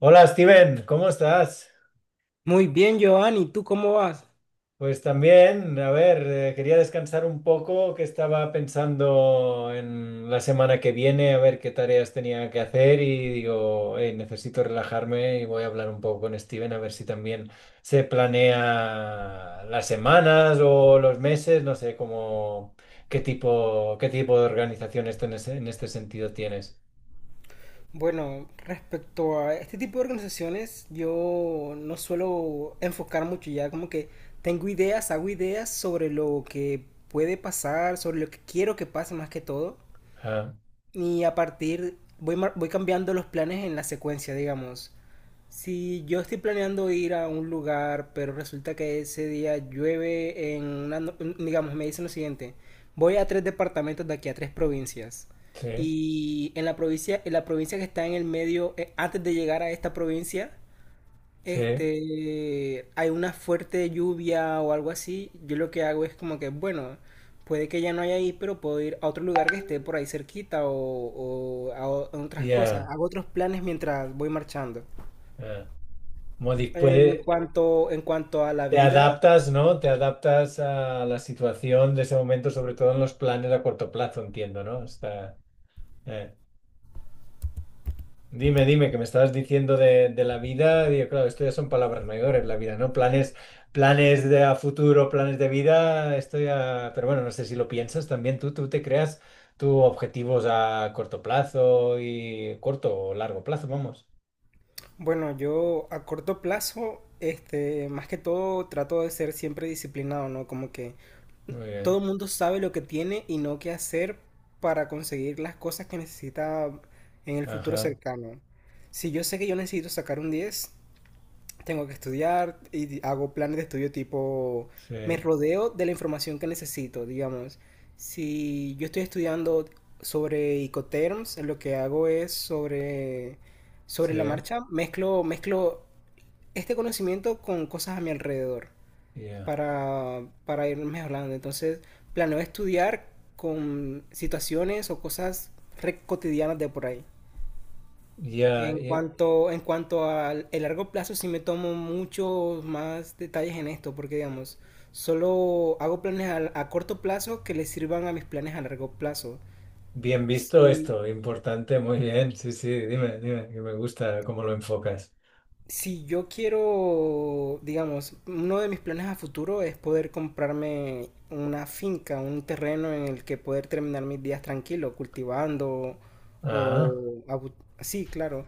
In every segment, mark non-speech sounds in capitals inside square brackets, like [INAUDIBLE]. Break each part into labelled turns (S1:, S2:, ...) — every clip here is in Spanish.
S1: Hola Steven, ¿cómo estás?
S2: Muy bien, Giovanni, ¿tú cómo vas?
S1: Pues también, a ver, quería descansar un poco, que estaba pensando en la semana que viene, a ver qué tareas tenía que hacer y digo, "Ey, necesito relajarme y voy a hablar un poco con Steven a ver si también se planea las semanas o los meses, no sé cómo, qué tipo de organización esto en en este sentido tienes.
S2: Bueno, respecto a este tipo de organizaciones, yo no suelo enfocar mucho ya, como que tengo ideas, hago ideas sobre lo que puede pasar, sobre lo que quiero que pase más que todo,
S1: Ah,
S2: y a partir voy, voy cambiando los planes en la secuencia, digamos. Si yo estoy planeando ir a un lugar, pero resulta que ese día llueve en una, digamos, me dicen lo siguiente, voy a tres departamentos de aquí a tres provincias.
S1: sí,
S2: Y en la provincia, que está en el medio, antes de llegar a esta provincia,
S1: sí,
S2: hay una fuerte lluvia o algo así. Yo lo que hago es como que, bueno, puede que ya no haya ahí, pero puedo ir a otro lugar que esté por ahí cerquita o, o a otras cosas.
S1: ya.
S2: Hago otros planes mientras voy marchando.
S1: Ah. Modi-
S2: En
S1: puede.
S2: cuanto, en cuanto a la
S1: Te
S2: vida,
S1: adaptas, ¿no? Te adaptas a la situación de ese momento, sobre todo en los planes a corto plazo, entiendo, ¿no? Está, eh. Dime, dime, que me estabas diciendo de la vida. Digo, claro, esto ya son palabras mayores, la vida, ¿no? Planes, planes de a futuro, planes de vida, esto ya... Pero bueno, no sé si lo piensas también tú te creas tus objetivos a corto plazo y corto o largo plazo, vamos.
S2: bueno, yo a corto plazo, más que todo trato de ser siempre disciplinado, ¿no? Como que
S1: Muy bien.
S2: todo el mundo sabe lo que tiene y no qué hacer para conseguir las cosas que necesita en el futuro
S1: Ajá.
S2: cercano. Si yo sé que yo necesito sacar un 10 tengo que estudiar y hago planes de estudio tipo,
S1: Sí,
S2: me rodeo de la información que necesito, digamos. Si yo estoy estudiando sobre Icoterms, lo que hago es sobre la
S1: sí,
S2: marcha, mezclo este conocimiento con cosas a mi alrededor
S1: ya.
S2: para ir mejorando. Entonces, planeo estudiar con situaciones o cosas re cotidianas de por ahí.
S1: Ya,
S2: En
S1: ya.
S2: cuanto, en cuanto al el largo plazo, sí me tomo muchos más detalles en esto, porque digamos, solo hago planes a corto plazo que le sirvan a mis planes a largo plazo.
S1: Bien visto
S2: Si,
S1: esto, importante, muy bien. Sí, sí, dime, dime, que me gusta cómo lo enfocas.
S2: Si yo quiero, digamos, uno de mis planes a futuro es poder comprarme una finca, un terreno en el que poder terminar mis días tranquilo, cultivando
S1: Ah,
S2: o... Sí, claro.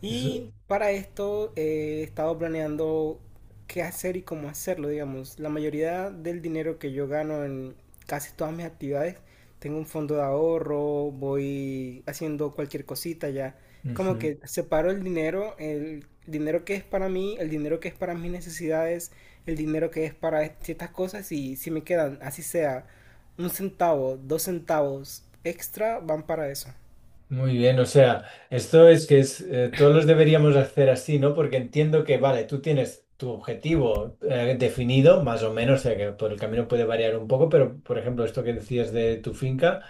S2: Y
S1: eso-
S2: para esto he estado planeando qué hacer y cómo hacerlo, digamos. La mayoría del dinero que yo gano en casi todas mis actividades, tengo un fondo de ahorro, voy haciendo cualquier cosita ya, como
S1: ujú.
S2: que separo el dinero que es para mí, el dinero que es para mis necesidades, el dinero que es para ciertas cosas y si me quedan, así sea, un centavo, dos centavos extra, van para eso.
S1: Muy bien, o sea, esto es que es, todos los deberíamos hacer así, ¿no? Porque entiendo que, vale, tú tienes tu objetivo definido, más o menos, o sea, que por el camino puede variar un poco, pero, por ejemplo, esto que decías de tu finca.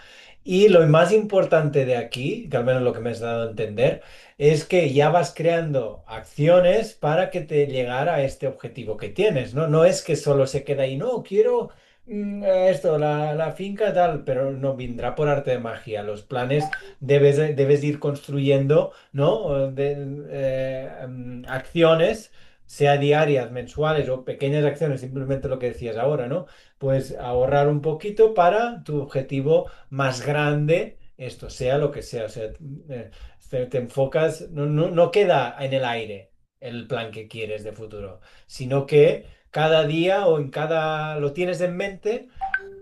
S1: Y lo más importante de aquí, que al menos lo que me has dado a entender, es que ya vas creando acciones para que te llegara a este objetivo que tienes, ¿no? No es que solo se queda ahí, no, quiero esto, la finca tal, pero no vendrá por arte de magia. Los planes debes ir construyendo, ¿no? Acciones. Sea diarias, mensuales o pequeñas acciones, simplemente lo que decías ahora, ¿no? Pues ahorrar un poquito para tu objetivo más grande, esto sea lo que sea. O sea, te enfocas, no queda en el aire el plan que quieres de futuro, sino que cada día o en cada, lo tienes en mente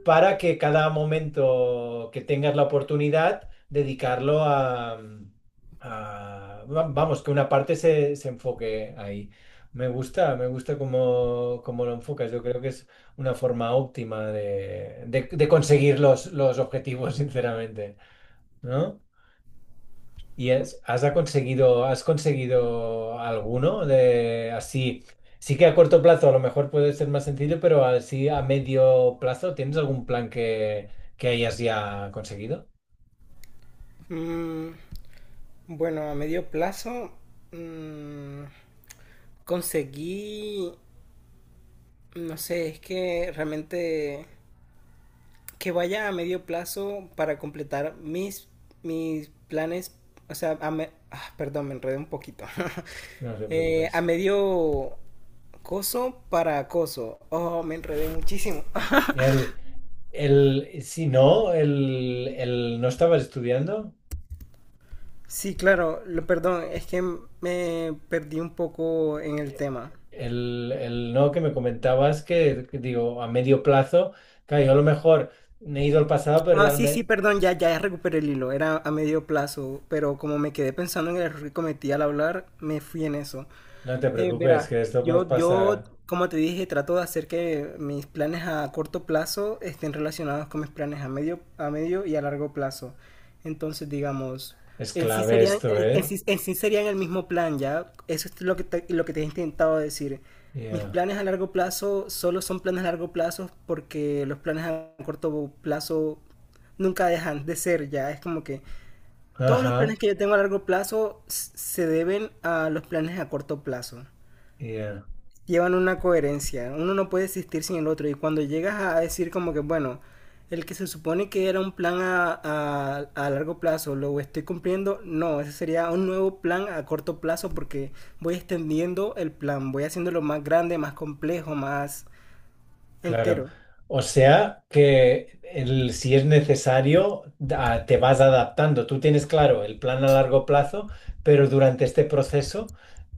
S1: para que cada momento que tengas la oportunidad, dedicarlo a, vamos, que una parte se enfoque ahí. Me gusta cómo lo enfocas. Yo creo que es una forma óptima de, de conseguir los objetivos, [LAUGHS] sinceramente, ¿no? ¿Y es- has conseguido alguno de así? Sí que a corto plazo a lo mejor puede ser más sencillo, pero así a medio plazo, ¿tienes algún plan que hayas ya conseguido?
S2: Mm, bueno, a medio plazo mm, conseguí, no sé, es que realmente que vaya a medio plazo para completar mis planes, o sea, perdón, me enredé un poquito. [LAUGHS]
S1: No te
S2: A
S1: preocupes.
S2: medio coso para acoso. Oh, me enredé muchísimo. [LAUGHS]
S1: El, el, si no, el no estabas estudiando,
S2: Sí, claro, perdón, es que me perdí un poco en el tema.
S1: el no que me comentabas que digo, a medio plazo, claro, yo a lo mejor me he ido al pasado, pero
S2: Ah, sí, sí,
S1: realmente
S2: perdón, ya, ya recuperé el hilo, era a medio plazo, pero como me quedé pensando en el error que cometí al hablar, me fui en eso.
S1: no te preocupes,
S2: Verá,
S1: que esto nos
S2: yo,
S1: pasa.
S2: como te dije, trato de hacer que mis planes a corto plazo estén relacionados con mis planes a medio y a largo plazo. Entonces, digamos,
S1: Es clave esto, ¿eh?
S2: en sí serían el mismo plan, ¿ya? Eso es lo que lo que te he intentado decir. Mis
S1: Yeah.
S2: planes a largo plazo solo son planes a largo plazo porque los planes a corto plazo nunca dejan de ser, ya. Es como que todos los
S1: Ajá.
S2: planes que yo tengo a largo plazo se deben a los planes a corto plazo,
S1: Yeah.
S2: llevan una coherencia. Uno no puede existir sin el otro. Y cuando llegas a decir como que, bueno, el que se supone que era un plan a largo plazo, lo estoy cumpliendo, no, ese sería un nuevo plan a corto plazo porque voy extendiendo el plan, voy haciéndolo más grande, más complejo, más
S1: Claro.
S2: entero.
S1: O sea que el- si es necesario, da- te vas adaptando. Tú tienes claro el plan a largo plazo, pero durante este proceso,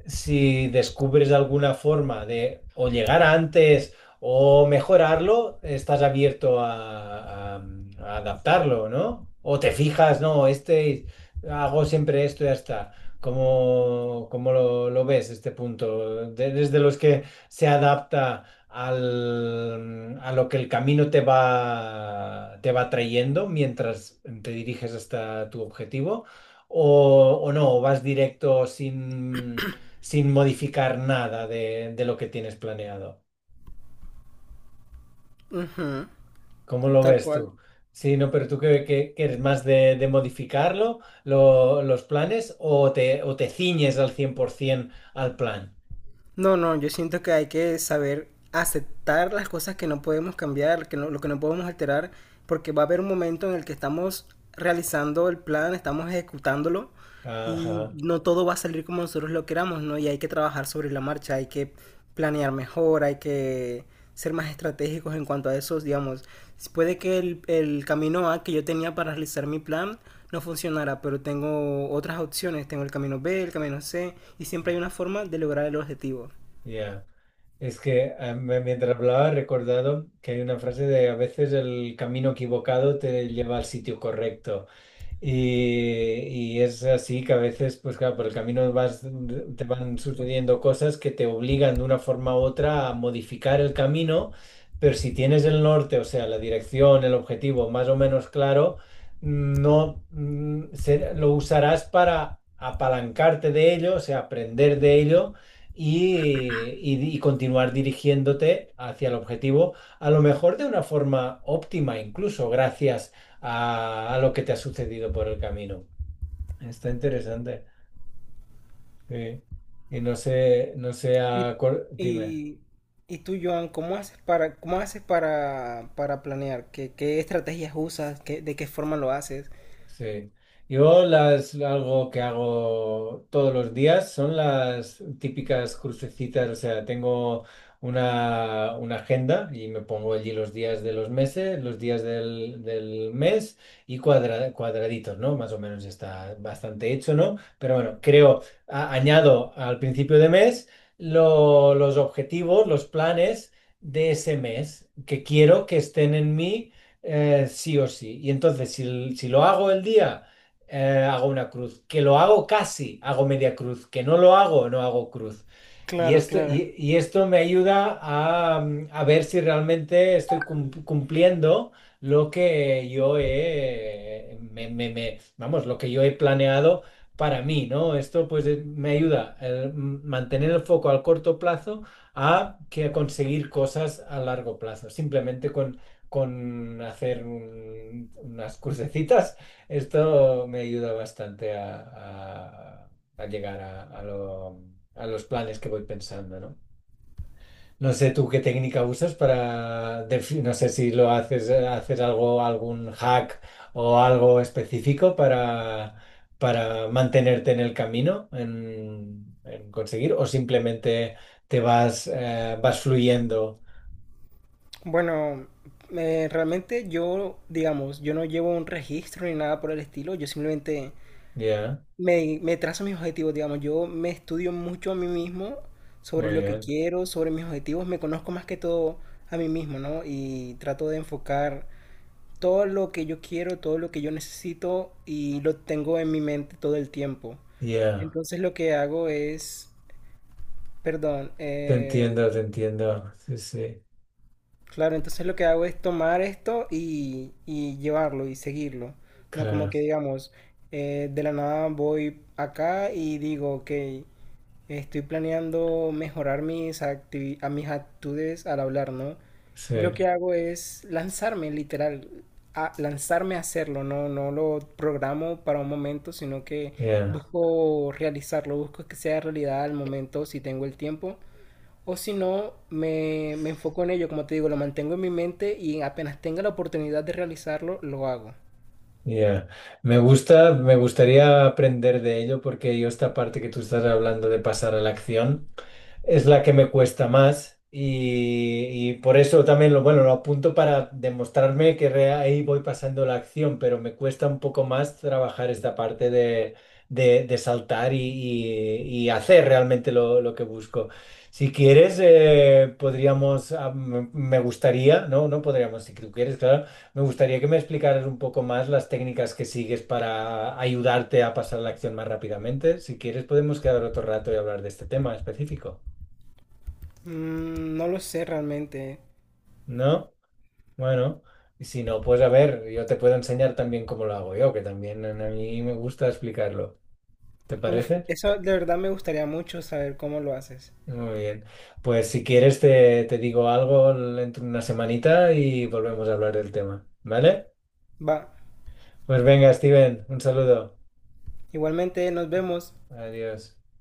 S1: si descubres alguna forma de o llegar antes o mejorarlo, estás abierto a, a adaptarlo, ¿no? O te fijas, no, este hago siempre esto y ya está. ¿Cómo, cómo lo ves este punto? De- desde los que se adapta al- a lo que el camino te va trayendo mientras te diriges hasta tu objetivo, o no, o vas directo sin, sin modificar nada de, de lo que tienes planeado.
S2: Ujú.
S1: ¿Cómo lo
S2: Tal
S1: ves
S2: cual.
S1: tú? Sí, no, pero tú que, que eres más de modificarlo, lo- los planes, o te ciñes al 100% al plan.
S2: No, no, yo siento que hay que saber aceptar las cosas que no podemos cambiar, que no- lo que no podemos alterar, porque va a haber un momento en el que estamos realizando el plan, estamos ejecutándolo y
S1: Ajá.
S2: no todo va a salir como nosotros lo queramos, ¿no? Y hay que trabajar sobre la marcha, hay que planear mejor, hay que ser más estratégicos en cuanto a eso, digamos. Puede que el camino A que yo tenía para realizar mi plan no funcionara, pero tengo otras opciones, tengo el camino B, el camino C, y siempre hay una forma de lograr el objetivo.
S1: Ya. Es que mientras hablaba he recordado que hay una frase de a veces el camino equivocado te lleva al sitio correcto. Y es así que a veces, pues claro, por el camino vas, te van sucediendo cosas que te obligan de una forma u otra a modificar el camino, pero si tienes el norte, o sea, la dirección, el objetivo más o menos claro, no se- lo usarás para apalancarte de ello, o sea, aprender de ello y continuar dirigiéndote hacia el objetivo, a lo mejor de una forma óptima, incluso gracias a lo que te ha sucedido por el camino. Está interesante. Sí. Y no sé, no sé
S2: Y,
S1: a cuál- Dime.
S2: y, y tú, Joan, cómo haces para planear? ¿Qué estrategias usas? ¿Qué- de qué forma lo haces?
S1: Sí. Yo las algo que hago todos los días son las típicas crucecitas, o sea, tengo una agenda y me pongo allí los días de los meses, los días del mes y cuadra- cuadraditos, ¿no? Más o menos está bastante hecho, ¿no? Pero bueno, creo, a- añado al principio de mes lo- los objetivos, los planes de ese mes que quiero que estén en mí sí o sí. Y entonces, si, l- si lo hago el día, hago una cruz. Que lo hago casi, hago media cruz. Que no lo hago, no hago cruz.
S2: Claro, claro.
S1: Y esto me ayuda a, a ver si realmente estoy cum- cumpliendo lo que yo he, vamos, lo que yo he planeado para mí, ¿no? Esto pues me ayuda a mantener el foco al corto plazo a que a conseguir cosas a largo plazo, simplemente con hacer un- unas cursecitas, esto me ayuda bastante a, a- a llegar a lo- a los planes que voy pensando, ¿no? No sé tú qué técnica usas para, defi- no sé si lo haces, haces algo, algún hack o algo específico para mantenerte en el camino, en conseguir, o simplemente te vas, vas fluyendo.
S2: Bueno, realmente yo, digamos, yo no llevo un registro ni nada por el estilo, yo simplemente
S1: Ya,
S2: me trazo mis objetivos, digamos, yo me estudio mucho a mí mismo sobre
S1: muy
S2: lo que
S1: bien.
S2: quiero, sobre mis objetivos, me conozco más que todo a mí mismo, ¿no? Y trato de enfocar todo lo que yo quiero, todo lo que yo necesito y lo tengo en mi mente todo el tiempo.
S1: Ya.
S2: Entonces lo que hago es, perdón,
S1: Te entiendo, te entiendo. Sí, sí,
S2: claro, entonces lo que hago es tomar esto y llevarlo y seguirlo. No como
S1: claro.
S2: que digamos, de la nada voy acá y digo, ok, estoy planeando mejorar mis a mis actitudes al hablar, ¿no?
S1: Sí,
S2: Y lo que hago es lanzarme, literal, a lanzarme a hacerlo, ¿no? No lo programo para un momento, sino que
S1: ya,
S2: busco realizarlo, busco que sea realidad al momento, si tengo el tiempo. O si no, me enfoco en ello, como te digo, lo mantengo en mi mente y apenas tenga la oportunidad de realizarlo, lo hago.
S1: ya. Me gusta, me gustaría aprender de ello porque yo esta parte que tú estás hablando de pasar a la acción. Es la que me cuesta más y por eso también lo, bueno, lo apunto para demostrarme que re- ahí voy pasando la acción, pero me cuesta un poco más trabajar esta parte de, de saltar y, y hacer realmente lo que busco. Si quieres, podríamos, ah, me gustaría, podríamos, si tú quieres, claro, me gustaría que me explicaras un poco más las técnicas que sigues para ayudarte a pasar la acción más rápidamente. Si quieres, podemos quedar otro rato y hablar de este tema específico.
S2: Mm, no lo sé realmente.
S1: ¿No? Bueno, y si no, pues a ver, yo te puedo enseñar también cómo lo hago yo, que también a mí me gusta explicarlo. ¿Te
S2: Uf,
S1: parece?
S2: eso de verdad me gustaría mucho saber cómo lo haces.
S1: Muy bien. Pues si quieres te digo algo dentro de una semanita y volvemos a hablar del tema, ¿vale?
S2: Va.
S1: Pues venga, Steven, un saludo.
S2: Igualmente, nos vemos.
S1: Adiós.